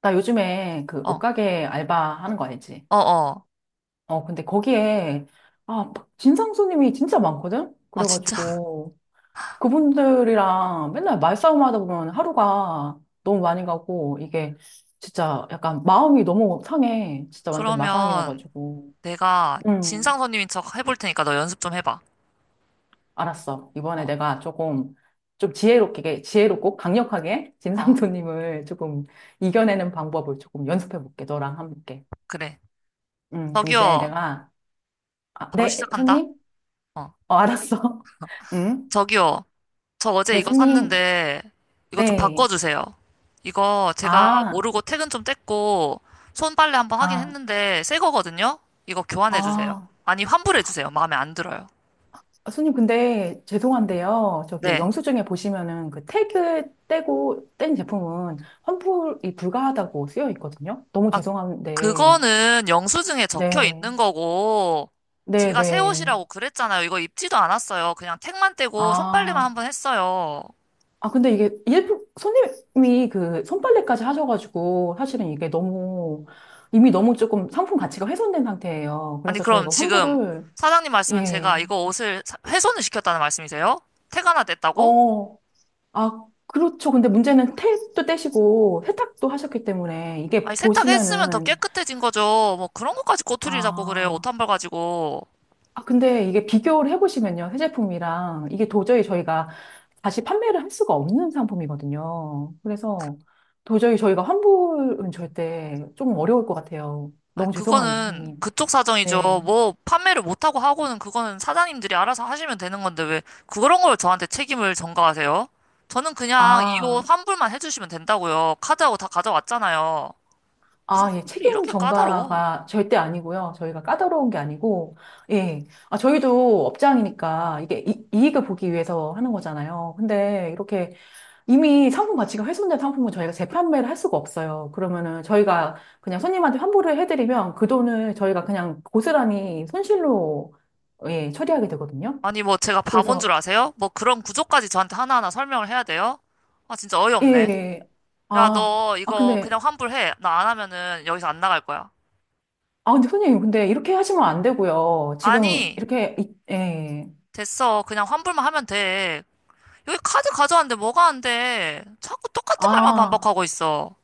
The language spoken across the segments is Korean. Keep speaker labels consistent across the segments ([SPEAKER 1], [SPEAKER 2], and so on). [SPEAKER 1] 나 요즘에 그
[SPEAKER 2] 어,
[SPEAKER 1] 옷가게 알바 하는 거 알지?
[SPEAKER 2] 어.
[SPEAKER 1] 근데 거기에, 아, 막 진상 손님이 진짜 많거든?
[SPEAKER 2] 아, 진짜?
[SPEAKER 1] 그래가지고, 그분들이랑 맨날 말싸움 하다 보면 하루가 너무 많이 가고, 이게 진짜 약간 마음이 너무 상해. 진짜 완전
[SPEAKER 2] 그러면
[SPEAKER 1] 마상이어가지고.
[SPEAKER 2] 내가 진상
[SPEAKER 1] 음,
[SPEAKER 2] 손님인 척 해볼 테니까 너 연습 좀 해봐.
[SPEAKER 1] 알았어.
[SPEAKER 2] 어,
[SPEAKER 1] 이번에 내가 조금, 좀 지혜롭게, 지혜롭고 강력하게 진상
[SPEAKER 2] 어,
[SPEAKER 1] 손님을 조금 이겨내는 방법을 조금 연습해 볼게. 너랑 함께.
[SPEAKER 2] 그래.
[SPEAKER 1] 그럼 이제
[SPEAKER 2] 저기요,
[SPEAKER 1] 내가 아,
[SPEAKER 2] 바로
[SPEAKER 1] 네,
[SPEAKER 2] 시작한다.
[SPEAKER 1] 손님?
[SPEAKER 2] 어,
[SPEAKER 1] 알았어. 응?
[SPEAKER 2] 저기요, 저 어제
[SPEAKER 1] 네,
[SPEAKER 2] 이거
[SPEAKER 1] 손님.
[SPEAKER 2] 샀는데 이거 좀
[SPEAKER 1] 네.
[SPEAKER 2] 바꿔주세요. 이거 제가
[SPEAKER 1] 아,
[SPEAKER 2] 모르고 퇴근 좀 뗐고 손빨래 한번 하긴
[SPEAKER 1] 아,
[SPEAKER 2] 했는데 새 거거든요? 이거 교환해주세요.
[SPEAKER 1] 아.
[SPEAKER 2] 아니, 환불해주세요. 마음에 안 들어요.
[SPEAKER 1] 아, 손님, 근데 죄송한데요. 저기
[SPEAKER 2] 네.
[SPEAKER 1] 영수증에 보시면은 그 태그 떼고 뗀 제품은 환불이 불가하다고 쓰여 있거든요. 너무
[SPEAKER 2] 아,
[SPEAKER 1] 죄송한데.
[SPEAKER 2] 그거는 영수증에 적혀 있는
[SPEAKER 1] 네.
[SPEAKER 2] 거고,
[SPEAKER 1] 네,
[SPEAKER 2] 제가 새
[SPEAKER 1] 네.
[SPEAKER 2] 옷이라고 그랬잖아요. 이거 입지도 않았어요. 그냥 택만 떼고 손빨래만
[SPEAKER 1] 아.
[SPEAKER 2] 한 번 했어요.
[SPEAKER 1] 아, 근데 이게 일부 손님이 그 손빨래까지 하셔가지고 사실은 이게 너무 이미 너무 조금 상품 가치가 훼손된 상태예요.
[SPEAKER 2] 아니,
[SPEAKER 1] 그래서
[SPEAKER 2] 그럼
[SPEAKER 1] 저희가
[SPEAKER 2] 지금
[SPEAKER 1] 환불을
[SPEAKER 2] 사장님 말씀은 제가
[SPEAKER 1] 예.
[SPEAKER 2] 훼손을 시켰다는 말씀이세요? 택 하나 냈다고?
[SPEAKER 1] 어, 그렇죠. 근데 문제는 떼도 떼시고 세탁도 하셨기 때문에
[SPEAKER 2] 아니,
[SPEAKER 1] 이게
[SPEAKER 2] 세탁했으면 더
[SPEAKER 1] 보시면은,
[SPEAKER 2] 깨끗해진 거죠. 뭐 그런 것까지 꼬투리를 잡고 그래요. 옷
[SPEAKER 1] 아,
[SPEAKER 2] 한 벌 가지고.
[SPEAKER 1] 아, 근데 이게 비교를 해보시면요. 새 제품이랑 이게 도저히 저희가 다시 판매를 할 수가 없는 상품이거든요. 그래서 도저히 저희가 환불은 절대 좀 어려울 것 같아요.
[SPEAKER 2] 아,
[SPEAKER 1] 너무 죄송합니다,
[SPEAKER 2] 그거는
[SPEAKER 1] 선생님.
[SPEAKER 2] 그쪽 사정이죠.
[SPEAKER 1] 네.
[SPEAKER 2] 뭐 판매를 못하고 하고는 그거는 사장님들이 알아서 하시면 되는 건데 왜 그런 걸 저한테 책임을 전가하세요? 저는 그냥 이
[SPEAKER 1] 아.
[SPEAKER 2] 옷 환불만 해주시면 된다고요. 카드하고 다 가져왔잖아요. 무슨
[SPEAKER 1] 아, 예,
[SPEAKER 2] 환불이
[SPEAKER 1] 책임
[SPEAKER 2] 이렇게 까다로워?
[SPEAKER 1] 전가가 절대 아니고요. 저희가 까다로운 게 아니고, 예. 아, 저희도 업장이니까 이게 이, 이익을 보기 위해서 하는 거잖아요. 근데 이렇게 이미 상품 가치가 훼손된 상품은 저희가 재판매를 할 수가 없어요. 그러면은 저희가 그냥 손님한테 환불을 해드리면 그 돈을 저희가 그냥 고스란히 손실로, 예, 처리하게 되거든요.
[SPEAKER 2] 아니 뭐 제가 바본 줄
[SPEAKER 1] 그래서,
[SPEAKER 2] 아세요? 뭐 그런 구조까지 저한테 하나하나 설명을 해야 돼요? 아 진짜
[SPEAKER 1] 예. 예,
[SPEAKER 2] 어이없네.
[SPEAKER 1] 예.
[SPEAKER 2] 야
[SPEAKER 1] 아,
[SPEAKER 2] 너
[SPEAKER 1] 아,
[SPEAKER 2] 이거
[SPEAKER 1] 근데,
[SPEAKER 2] 그냥 환불해. 나 안 하면은 여기서 안 나갈 거야.
[SPEAKER 1] 아, 근데 손님, 근데 이렇게 하시면 안 되고요. 지금
[SPEAKER 2] 아니
[SPEAKER 1] 이렇게, 예.
[SPEAKER 2] 됐어. 그냥 환불만 하면 돼. 여기 카드 가져왔는데 뭐가 안 돼? 자꾸 똑같은 말만
[SPEAKER 1] 아.
[SPEAKER 2] 반복하고 있어.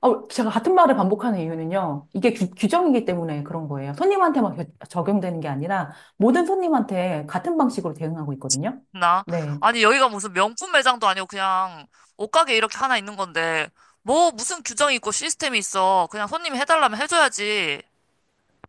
[SPEAKER 1] 제가 같은 말을 반복하는 이유는요. 이게 규, 규정이기 때문에 그런 거예요. 손님한테만 적용되는 게 아니라 모든 손님한테 같은 방식으로 대응하고 있거든요.
[SPEAKER 2] 나?
[SPEAKER 1] 네.
[SPEAKER 2] 아니, 여기가 무슨 명품 매장도 아니고 그냥 옷가게 이렇게 하나 있는 건데, 뭐 무슨 규정이 있고 시스템이 있어. 그냥 손님이 해달라면 해줘야지.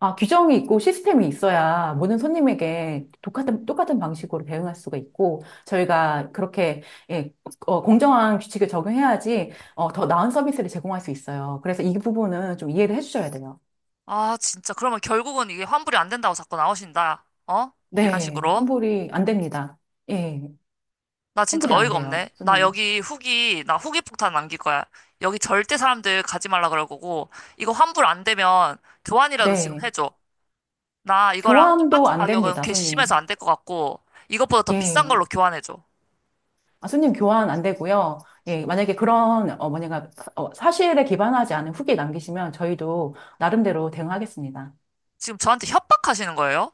[SPEAKER 1] 아, 규정이 있고 시스템이 있어야 모든 손님에게 똑같은, 똑같은 방식으로 대응할 수가 있고, 저희가 그렇게, 예, 공정한 규칙을 적용해야지, 더 나은 서비스를 제공할 수 있어요. 그래서 이 부분은 좀 이해를 해주셔야 돼요.
[SPEAKER 2] 아, 진짜. 그러면 결국은 이게 환불이 안 된다고 자꾸 나오신다. 어? 이런
[SPEAKER 1] 네.
[SPEAKER 2] 식으로.
[SPEAKER 1] 환불이 안 됩니다. 예.
[SPEAKER 2] 나 진짜
[SPEAKER 1] 환불이 안
[SPEAKER 2] 어이가 없네.
[SPEAKER 1] 돼요, 손님.
[SPEAKER 2] 나 후기 폭탄 남길 거야. 여기 절대 사람들 가지 말라 그럴 거고, 이거 환불 안 되면 교환이라도 지금
[SPEAKER 1] 네.
[SPEAKER 2] 해줘. 나 이거랑
[SPEAKER 1] 교환도
[SPEAKER 2] 똑같은
[SPEAKER 1] 안
[SPEAKER 2] 가격은
[SPEAKER 1] 됩니다,
[SPEAKER 2] 괘씸해서
[SPEAKER 1] 손님.
[SPEAKER 2] 안 될 것 같고, 이것보다 더 비싼
[SPEAKER 1] 예.
[SPEAKER 2] 걸로 교환해줘.
[SPEAKER 1] 아, 손님 교환 안 되고요. 예, 만약에 그런, 뭐냐가, 사실에 기반하지 않은 후기 남기시면 저희도 나름대로 대응하겠습니다.
[SPEAKER 2] 지금 저한테 협박하시는 거예요?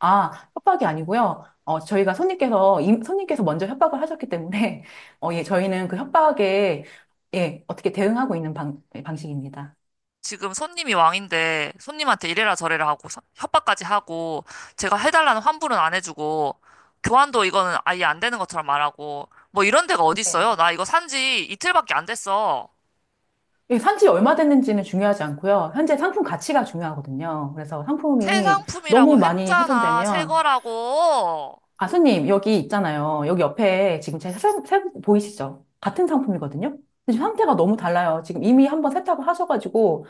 [SPEAKER 1] 아, 협박이 아니고요. 저희가 손님께서, 손님께서 먼저 협박을 하셨기 때문에, 예, 저희는 그 협박에, 예, 어떻게 대응하고 있는 예, 방식입니다.
[SPEAKER 2] 지금 손님이 왕인데, 손님한테 이래라 저래라 하고, 협박까지 하고, 제가 해달라는 환불은 안 해주고, 교환도 이거는 아예 안 되는 것처럼 말하고, 뭐 이런 데가
[SPEAKER 1] 네.
[SPEAKER 2] 어딨어요? 나 이거 산지 이틀밖에 안 됐어.
[SPEAKER 1] 예, 산지 얼마 됐는지는 중요하지 않고요. 현재 상품 가치가 중요하거든요. 그래서
[SPEAKER 2] 새
[SPEAKER 1] 상품이
[SPEAKER 2] 상품이라고
[SPEAKER 1] 너무 많이
[SPEAKER 2] 했잖아. 새
[SPEAKER 1] 훼손되면
[SPEAKER 2] 거라고.
[SPEAKER 1] 아수님, 여기 있잖아요. 여기 옆에 지금 제 보이시죠? 같은 상품이거든요? 근데 지금 상태가 너무 달라요. 지금 이미 한번 세탁을 하셔가지고,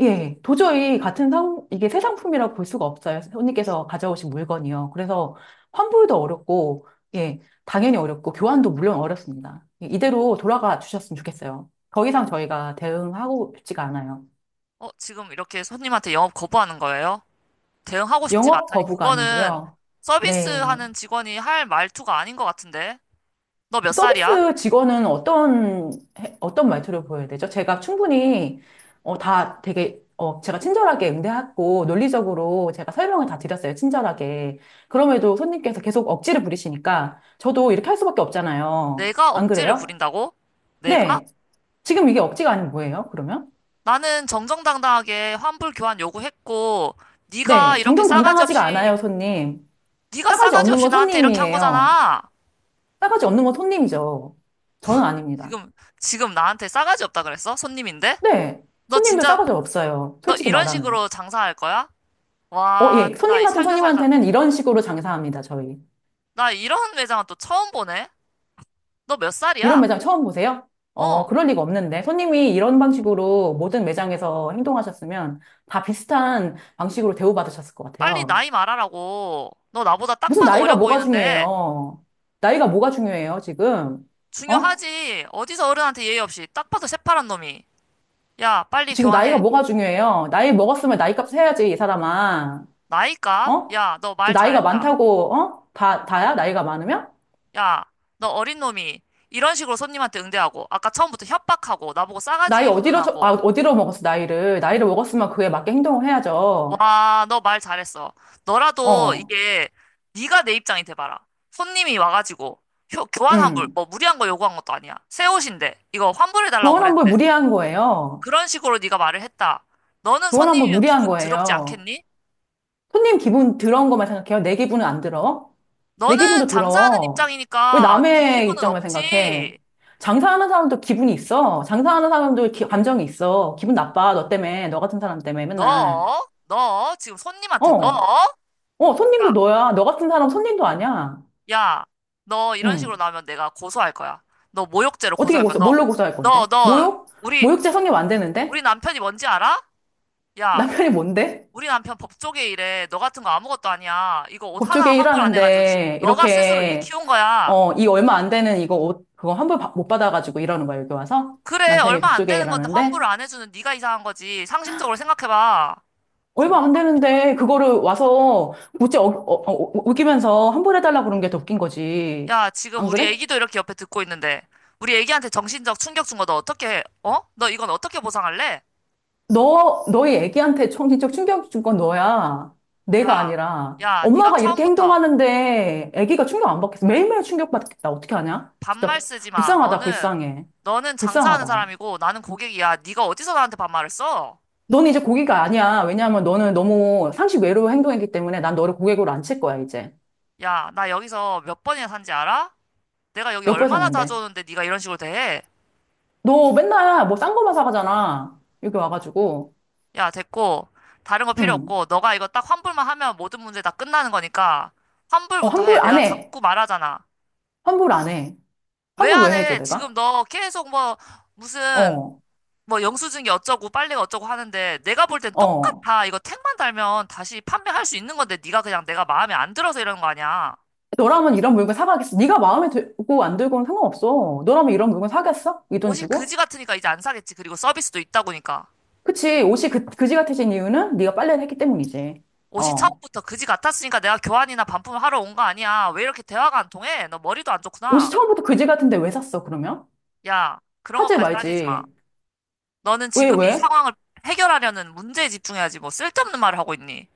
[SPEAKER 1] 예, 예. 도저히 같은 이게 새 상품이라고 볼 수가 없어요. 손님께서 가져오신 물건이요. 그래서 환불도 어렵고, 예, 당연히 어렵고, 교환도 물론 어렵습니다. 예, 이대로 돌아가 주셨으면 좋겠어요. 더 이상 저희가 대응하고 싶지가 않아요.
[SPEAKER 2] 어, 지금 이렇게 손님한테 영업 거부하는 거예요? 대응하고 싶지가
[SPEAKER 1] 영업
[SPEAKER 2] 않다니
[SPEAKER 1] 거부가
[SPEAKER 2] 그거는
[SPEAKER 1] 아니고요. 네.
[SPEAKER 2] 서비스하는 직원이 할 말투가 아닌 것 같은데. 너 몇 살이야?
[SPEAKER 1] 서비스 직원은 어떤 말투를 보여야 되죠? 제가 충분히, 다 되게, 제가 친절하게 응대했고, 논리적으로 제가 설명을 다 드렸어요. 친절하게. 그럼에도 손님께서 계속 억지를 부리시니까, 저도 이렇게 할 수밖에 없잖아요.
[SPEAKER 2] 내가
[SPEAKER 1] 안
[SPEAKER 2] 억지를
[SPEAKER 1] 그래요?
[SPEAKER 2] 부린다고? 내가?
[SPEAKER 1] 네. 지금 이게 억지가 아니면 뭐예요, 그러면?
[SPEAKER 2] 나는 정정당당하게 환불 교환 요구했고 네가
[SPEAKER 1] 네.
[SPEAKER 2] 이렇게 싸가지
[SPEAKER 1] 정정당당하지가 않아요,
[SPEAKER 2] 없이
[SPEAKER 1] 손님.
[SPEAKER 2] 네가
[SPEAKER 1] 싸가지
[SPEAKER 2] 싸가지
[SPEAKER 1] 없는
[SPEAKER 2] 없이
[SPEAKER 1] 건
[SPEAKER 2] 나한테 이렇게 한
[SPEAKER 1] 손님이에요.
[SPEAKER 2] 거잖아.
[SPEAKER 1] 싸가지 없는 건 손님이죠. 저는 아닙니다.
[SPEAKER 2] 지금 지금 나한테 싸가지 없다 그랬어? 손님인데?
[SPEAKER 1] 네.
[SPEAKER 2] 너
[SPEAKER 1] 손님도
[SPEAKER 2] 진짜
[SPEAKER 1] 싸가지 없어요.
[SPEAKER 2] 너
[SPEAKER 1] 솔직히
[SPEAKER 2] 이런
[SPEAKER 1] 말하면.
[SPEAKER 2] 식으로 장사할 거야? 와,
[SPEAKER 1] 예.
[SPEAKER 2] 나
[SPEAKER 1] 손님
[SPEAKER 2] 이
[SPEAKER 1] 같은
[SPEAKER 2] 살다 살다
[SPEAKER 1] 손님한테는 이런 식으로 장사합니다, 저희.
[SPEAKER 2] 나 이런 매장은 또 처음 보네. 너 몇
[SPEAKER 1] 이런
[SPEAKER 2] 살이야?
[SPEAKER 1] 매장 처음 보세요?
[SPEAKER 2] 어.
[SPEAKER 1] 그럴 리가 없는데. 손님이 이런 방식으로 모든 매장에서 행동하셨으면 다 비슷한 방식으로 대우받으셨을 것
[SPEAKER 2] 빨리
[SPEAKER 1] 같아요.
[SPEAKER 2] 나이 말하라고. 너 나보다 딱
[SPEAKER 1] 무슨
[SPEAKER 2] 봐도
[SPEAKER 1] 나이가
[SPEAKER 2] 어려
[SPEAKER 1] 뭐가
[SPEAKER 2] 보이는데.
[SPEAKER 1] 중요해요? 나이가 뭐가 중요해요, 지금? 어?
[SPEAKER 2] 중요하지. 어디서 어른한테 예의 없이. 딱 봐도 새파란 놈이. 야, 빨리
[SPEAKER 1] 지금 나이가
[SPEAKER 2] 교환해.
[SPEAKER 1] 뭐가 중요해요? 나이 먹었으면 나이값 해야지, 이 사람아.
[SPEAKER 2] 나이 값?
[SPEAKER 1] 어?
[SPEAKER 2] 야, 너
[SPEAKER 1] 지금
[SPEAKER 2] 말
[SPEAKER 1] 나이가
[SPEAKER 2] 잘했다.
[SPEAKER 1] 많다고, 어? 다야? 나이가 많으면?
[SPEAKER 2] 야, 너 어린 놈이. 이런 식으로 손님한테 응대하고. 아까 처음부터 협박하고. 나보고
[SPEAKER 1] 나이
[SPEAKER 2] 싸가지
[SPEAKER 1] 어디로,
[SPEAKER 2] 운운하고.
[SPEAKER 1] 어디로 먹었어, 나이를. 나이를 먹었으면 그에 맞게 행동을 해야죠.
[SPEAKER 2] 와, 너 말 잘했어. 너라도
[SPEAKER 1] 어,
[SPEAKER 2] 이게 네가 내 입장이 돼봐라. 손님이 와가지고. 교환 환불.
[SPEAKER 1] 음.
[SPEAKER 2] 뭐 무리한 거 요구한 것도 아니야. 새 옷인데. 이거 환불해달라고
[SPEAKER 1] 교환 환불
[SPEAKER 2] 그랬는데.
[SPEAKER 1] 무리한 거예요.
[SPEAKER 2] 그런 식으로 네가 말을 했다. 너는
[SPEAKER 1] 교환 환불
[SPEAKER 2] 손님이면
[SPEAKER 1] 무리한
[SPEAKER 2] 기분 더럽지
[SPEAKER 1] 거예요.
[SPEAKER 2] 않겠니?
[SPEAKER 1] 손님 기분 들어온 것만 생각해요. 내 기분은 안 들어. 내
[SPEAKER 2] 너는
[SPEAKER 1] 기분도
[SPEAKER 2] 장사하는
[SPEAKER 1] 들어. 왜
[SPEAKER 2] 입장이니까 네
[SPEAKER 1] 남의
[SPEAKER 2] 기분은
[SPEAKER 1] 입장만 생각해?
[SPEAKER 2] 없지.
[SPEAKER 1] 장사하는 사람도 기분이 있어. 장사하는 사람도 감정이 있어. 기분 나빠. 너 때문에. 너 같은 사람 때문에 맨날.
[SPEAKER 2] 너 지금 손님한테 너,
[SPEAKER 1] 어, 손님도
[SPEAKER 2] 야,
[SPEAKER 1] 너야. 너 같은 사람 손님도 아니야.
[SPEAKER 2] 야, 너 이런 식으로
[SPEAKER 1] 응.
[SPEAKER 2] 나오면 내가 고소할 거야. 너 모욕죄로
[SPEAKER 1] 어떻게
[SPEAKER 2] 고소할 거야.
[SPEAKER 1] 고소,
[SPEAKER 2] 너,
[SPEAKER 1] 뭘로 고소할
[SPEAKER 2] 너,
[SPEAKER 1] 건데?
[SPEAKER 2] 너
[SPEAKER 1] 모욕?
[SPEAKER 2] 우리
[SPEAKER 1] 모욕죄 성립 안 되는데?
[SPEAKER 2] 우리 남편이 뭔지 알아? 야,
[SPEAKER 1] 남편이 뭔데?
[SPEAKER 2] 우리 남편 법조계 일해. 너 같은 거 아무것도 아니야. 이거 옷 하나
[SPEAKER 1] 법조계
[SPEAKER 2] 환불 안 해가지고 지금
[SPEAKER 1] 일하는데
[SPEAKER 2] 너가 스스로 일
[SPEAKER 1] 이렇게
[SPEAKER 2] 키운 거야.
[SPEAKER 1] 이 얼마 안 되는 이거 옷 그거 환불 못 받아가지고 일하는 거야 여기 와서.
[SPEAKER 2] 그래,
[SPEAKER 1] 남편이
[SPEAKER 2] 얼마 안
[SPEAKER 1] 법조계
[SPEAKER 2] 되는 건데
[SPEAKER 1] 일하는데
[SPEAKER 2] 환불을 안 해주는 네가 이상한 거지. 상식적으로 생각해봐.
[SPEAKER 1] 얼마
[SPEAKER 2] 대박.
[SPEAKER 1] 안 되는데 그거를 와서 못지 우기면서 환불해달라 그런 게 더 웃긴 거지.
[SPEAKER 2] 야, 지금
[SPEAKER 1] 안
[SPEAKER 2] 우리
[SPEAKER 1] 그래?
[SPEAKER 2] 애기도 이렇게 옆에 듣고 있는데, 우리 애기한테 정신적 충격 준 거 너 어떻게 해? 어? 너 이건 어떻게 보상할래?
[SPEAKER 1] 너 너희 애기한테 정신적 충격 준 건 너야. 내가
[SPEAKER 2] 야,
[SPEAKER 1] 아니라
[SPEAKER 2] 야, 네가
[SPEAKER 1] 엄마가 이렇게
[SPEAKER 2] 처음부터
[SPEAKER 1] 행동하는데 애기가 충격 안 받겠어? 매일매일 충격 받겠다. 어떻게 하냐
[SPEAKER 2] 반말
[SPEAKER 1] 진짜.
[SPEAKER 2] 쓰지 마.
[SPEAKER 1] 불쌍하다
[SPEAKER 2] 너는,
[SPEAKER 1] 불쌍해.
[SPEAKER 2] 너는 장사하는
[SPEAKER 1] 불쌍하다.
[SPEAKER 2] 사람이고 나는 고객이야. 네가 어디서 나한테 반말을 써?
[SPEAKER 1] 너는 이제 고기가 아니야. 왜냐하면 너는 너무 상식 외로 행동했기 때문에 난 너를 고객으로 안 칠 거야, 이제.
[SPEAKER 2] 야, 나 여기서 몇 번이나 산지 알아? 내가 여기
[SPEAKER 1] 몇 번
[SPEAKER 2] 얼마나 자주
[SPEAKER 1] 샀는데.
[SPEAKER 2] 오는데 네가 이런 식으로 대해?
[SPEAKER 1] 너 맨날 뭐 싼 거만 사가잖아. 여기 와가지고.
[SPEAKER 2] 야, 됐고, 다른 거 필요
[SPEAKER 1] 응.
[SPEAKER 2] 없고, 너가 이거 딱 환불만 하면 모든 문제 다 끝나는 거니까, 환불부터 해.
[SPEAKER 1] 환불 안
[SPEAKER 2] 내가
[SPEAKER 1] 해.
[SPEAKER 2] 자꾸 말하잖아.
[SPEAKER 1] 환불 안 해.
[SPEAKER 2] 왜
[SPEAKER 1] 환불
[SPEAKER 2] 안
[SPEAKER 1] 왜 해줘,
[SPEAKER 2] 해? 지금
[SPEAKER 1] 내가?
[SPEAKER 2] 너 계속 뭐, 무슨,
[SPEAKER 1] 어,
[SPEAKER 2] 뭐, 영수증이 어쩌고, 빨래가 어쩌고 하는데, 내가 볼 땐
[SPEAKER 1] 어.
[SPEAKER 2] 똑같아. 이거 택만 달면 다시 판매할 수 있는 건데, 네가 그냥 내가 마음에 안 들어서 이러는 거 아니야.
[SPEAKER 1] 너라면 이런 물건 사가겠어. 네가 마음에 들고 안 들고는 상관없어. 너라면 이런 물건 사겠어? 이 돈
[SPEAKER 2] 옷이 그지
[SPEAKER 1] 주고?
[SPEAKER 2] 같으니까 이제 안 사겠지. 그리고 서비스도 있다고니까.
[SPEAKER 1] 그치. 옷이 그지 같아진 이유는 네가 빨래를 했기 때문이지.
[SPEAKER 2] 옷이
[SPEAKER 1] 어.
[SPEAKER 2] 처음부터 그지 같았으니까 내가 교환이나 반품을 하러 온 거 아니야. 왜 이렇게 대화가 안 통해? 너 머리도 안
[SPEAKER 1] 옷이
[SPEAKER 2] 좋구나.
[SPEAKER 1] 처음부터 그지 같은데 왜 샀어, 그러면?
[SPEAKER 2] 야, 그런
[SPEAKER 1] 사지
[SPEAKER 2] 것까지 따지지 마.
[SPEAKER 1] 말지.
[SPEAKER 2] 너는
[SPEAKER 1] 왜,
[SPEAKER 2] 지금 이
[SPEAKER 1] 왜?
[SPEAKER 2] 상황을 해결하려는 문제에 집중해야지 뭐 쓸데없는 말을 하고 있니?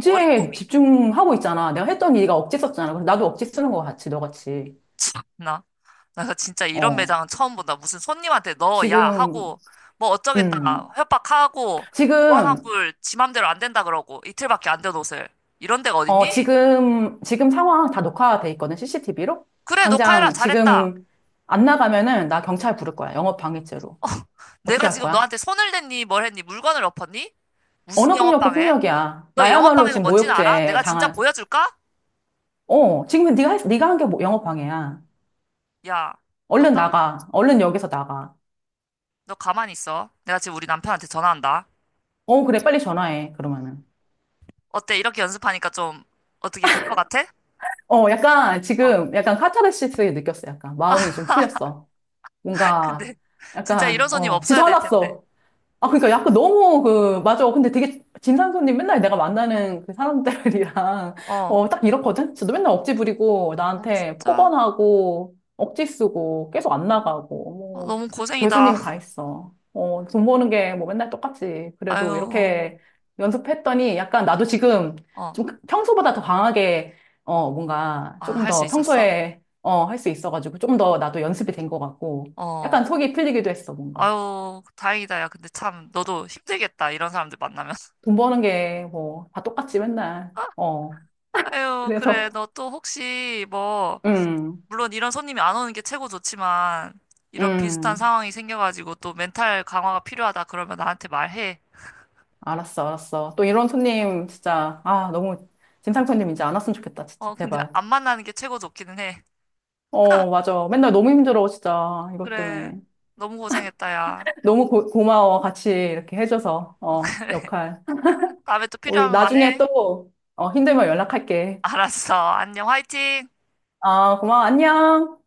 [SPEAKER 2] 어린 놈이.
[SPEAKER 1] 집중하고 있잖아. 내가 했던 일이 억지 썼잖아. 그래서 나도 억지 쓰는 거 같이, 너같이.
[SPEAKER 2] 참나. 나 진짜 이런
[SPEAKER 1] 어.
[SPEAKER 2] 매장은 처음 본다. 무슨 손님한테 너, 야
[SPEAKER 1] 지금,
[SPEAKER 2] 하고 뭐 어쩌겠다
[SPEAKER 1] 음.
[SPEAKER 2] 협박하고
[SPEAKER 1] 지금,
[SPEAKER 2] 보안환불 지 맘대로 안 된다 그러고 이틀밖에 안 된 옷을 이런 데가
[SPEAKER 1] 어,
[SPEAKER 2] 어딨니?
[SPEAKER 1] 지금, 지금 상황 다 녹화돼 있거든, CCTV로?
[SPEAKER 2] 그래 녹화해라
[SPEAKER 1] 당장
[SPEAKER 2] 잘했다.
[SPEAKER 1] 지금 안 나가면은 나 경찰 부를 거야. 영업 방해죄로. 어떻게
[SPEAKER 2] 내가
[SPEAKER 1] 할
[SPEAKER 2] 지금
[SPEAKER 1] 거야?
[SPEAKER 2] 너한테 손을 댔니 뭘 했니 물건을 엎었니? 무슨
[SPEAKER 1] 언어폭력도
[SPEAKER 2] 영업방해?
[SPEAKER 1] 폭력이야.
[SPEAKER 2] 너
[SPEAKER 1] 나야말로
[SPEAKER 2] 영업방해가
[SPEAKER 1] 지금
[SPEAKER 2] 뭔지는 알아?
[SPEAKER 1] 모욕죄
[SPEAKER 2] 내가 진짜
[SPEAKER 1] 당한,
[SPEAKER 2] 보여줄까?
[SPEAKER 1] 지금 네가 한게 뭐 영업 방해야.
[SPEAKER 2] 야, 너
[SPEAKER 1] 얼른
[SPEAKER 2] 딱,
[SPEAKER 1] 나가. 얼른 여기서 나가.
[SPEAKER 2] 너 가만히 있어. 내가 지금 우리 남편한테 전화한다.
[SPEAKER 1] 그래, 빨리 전화해. 그러면은.
[SPEAKER 2] 어때? 이렇게 연습하니까 좀 어떻게 될 것 같아?
[SPEAKER 1] 약간
[SPEAKER 2] 어.
[SPEAKER 1] 지금 약간 카타르시스 느꼈어. 약간
[SPEAKER 2] 아,
[SPEAKER 1] 마음이 좀 풀렸어. 뭔가
[SPEAKER 2] 근데 진짜 이런
[SPEAKER 1] 약간
[SPEAKER 2] 손님 없어야
[SPEAKER 1] 지쳐
[SPEAKER 2] 될 텐데.
[SPEAKER 1] 화났어. 아, 그러니까 약간 너무 맞아. 근데 되게 진상 손님 맨날 내가 만나는 그 사람들이랑,
[SPEAKER 2] 어.
[SPEAKER 1] 딱 이렇거든? 저도 맨날 억지 부리고,
[SPEAKER 2] 어,
[SPEAKER 1] 나한테
[SPEAKER 2] 진짜?
[SPEAKER 1] 폭언하고, 억지 쓰고, 계속 안 나가고,
[SPEAKER 2] 어,
[SPEAKER 1] 뭐,
[SPEAKER 2] 너무 고생이다.
[SPEAKER 1] 별수님이 다 있어. 돈 버는 게 뭐 맨날 똑같지. 그래도
[SPEAKER 2] 아유.
[SPEAKER 1] 이렇게 연습했더니 약간 나도 지금
[SPEAKER 2] 어.
[SPEAKER 1] 좀 평소보다 더 강하게, 뭔가
[SPEAKER 2] 아,
[SPEAKER 1] 조금
[SPEAKER 2] 할 수
[SPEAKER 1] 더
[SPEAKER 2] 있었어?
[SPEAKER 1] 평소에, 할 수 있어가지고, 조금 더 나도 연습이 된 것 같고,
[SPEAKER 2] 어.
[SPEAKER 1] 약간 속이 풀리기도 했어, 뭔가.
[SPEAKER 2] 아유, 다행이다. 야, 근데 참 너도 힘들겠다. 이런 사람들 만나면.
[SPEAKER 1] 돈 버는 게 뭐 다 똑같지 맨날. 어.
[SPEAKER 2] 아유, 그래.
[SPEAKER 1] 그래서.
[SPEAKER 2] 너 또 혹시 뭐
[SPEAKER 1] 음.
[SPEAKER 2] 물론 이런 손님이 안 오는 게 최고 좋지만 이런 비슷한
[SPEAKER 1] 음.
[SPEAKER 2] 상황이 생겨가지고 또 멘탈 강화가 필요하다 그러면 나한테 말해.
[SPEAKER 1] 알았어. 알았어. 또 이런 손님 진짜 아, 너무. 진상 손님 이제 안 왔으면 좋겠다. 진짜
[SPEAKER 2] 어, 근데
[SPEAKER 1] 제발.
[SPEAKER 2] 안 만나는 게 최고 좋기는 해.
[SPEAKER 1] 맞아. 맨날 너무 힘들어, 진짜. 이것
[SPEAKER 2] 그래.
[SPEAKER 1] 때문에.
[SPEAKER 2] 너무 고생했다, 야.
[SPEAKER 1] 너무 고마워. 같이 이렇게 해줘서.
[SPEAKER 2] 어, 그래.
[SPEAKER 1] 역할.
[SPEAKER 2] 다음에 또
[SPEAKER 1] 우리
[SPEAKER 2] 필요하면
[SPEAKER 1] 나중에
[SPEAKER 2] 말해.
[SPEAKER 1] 또 힘들면 연락할게.
[SPEAKER 2] 알았어. 안녕. 화이팅!
[SPEAKER 1] 아, 고마워. 안녕.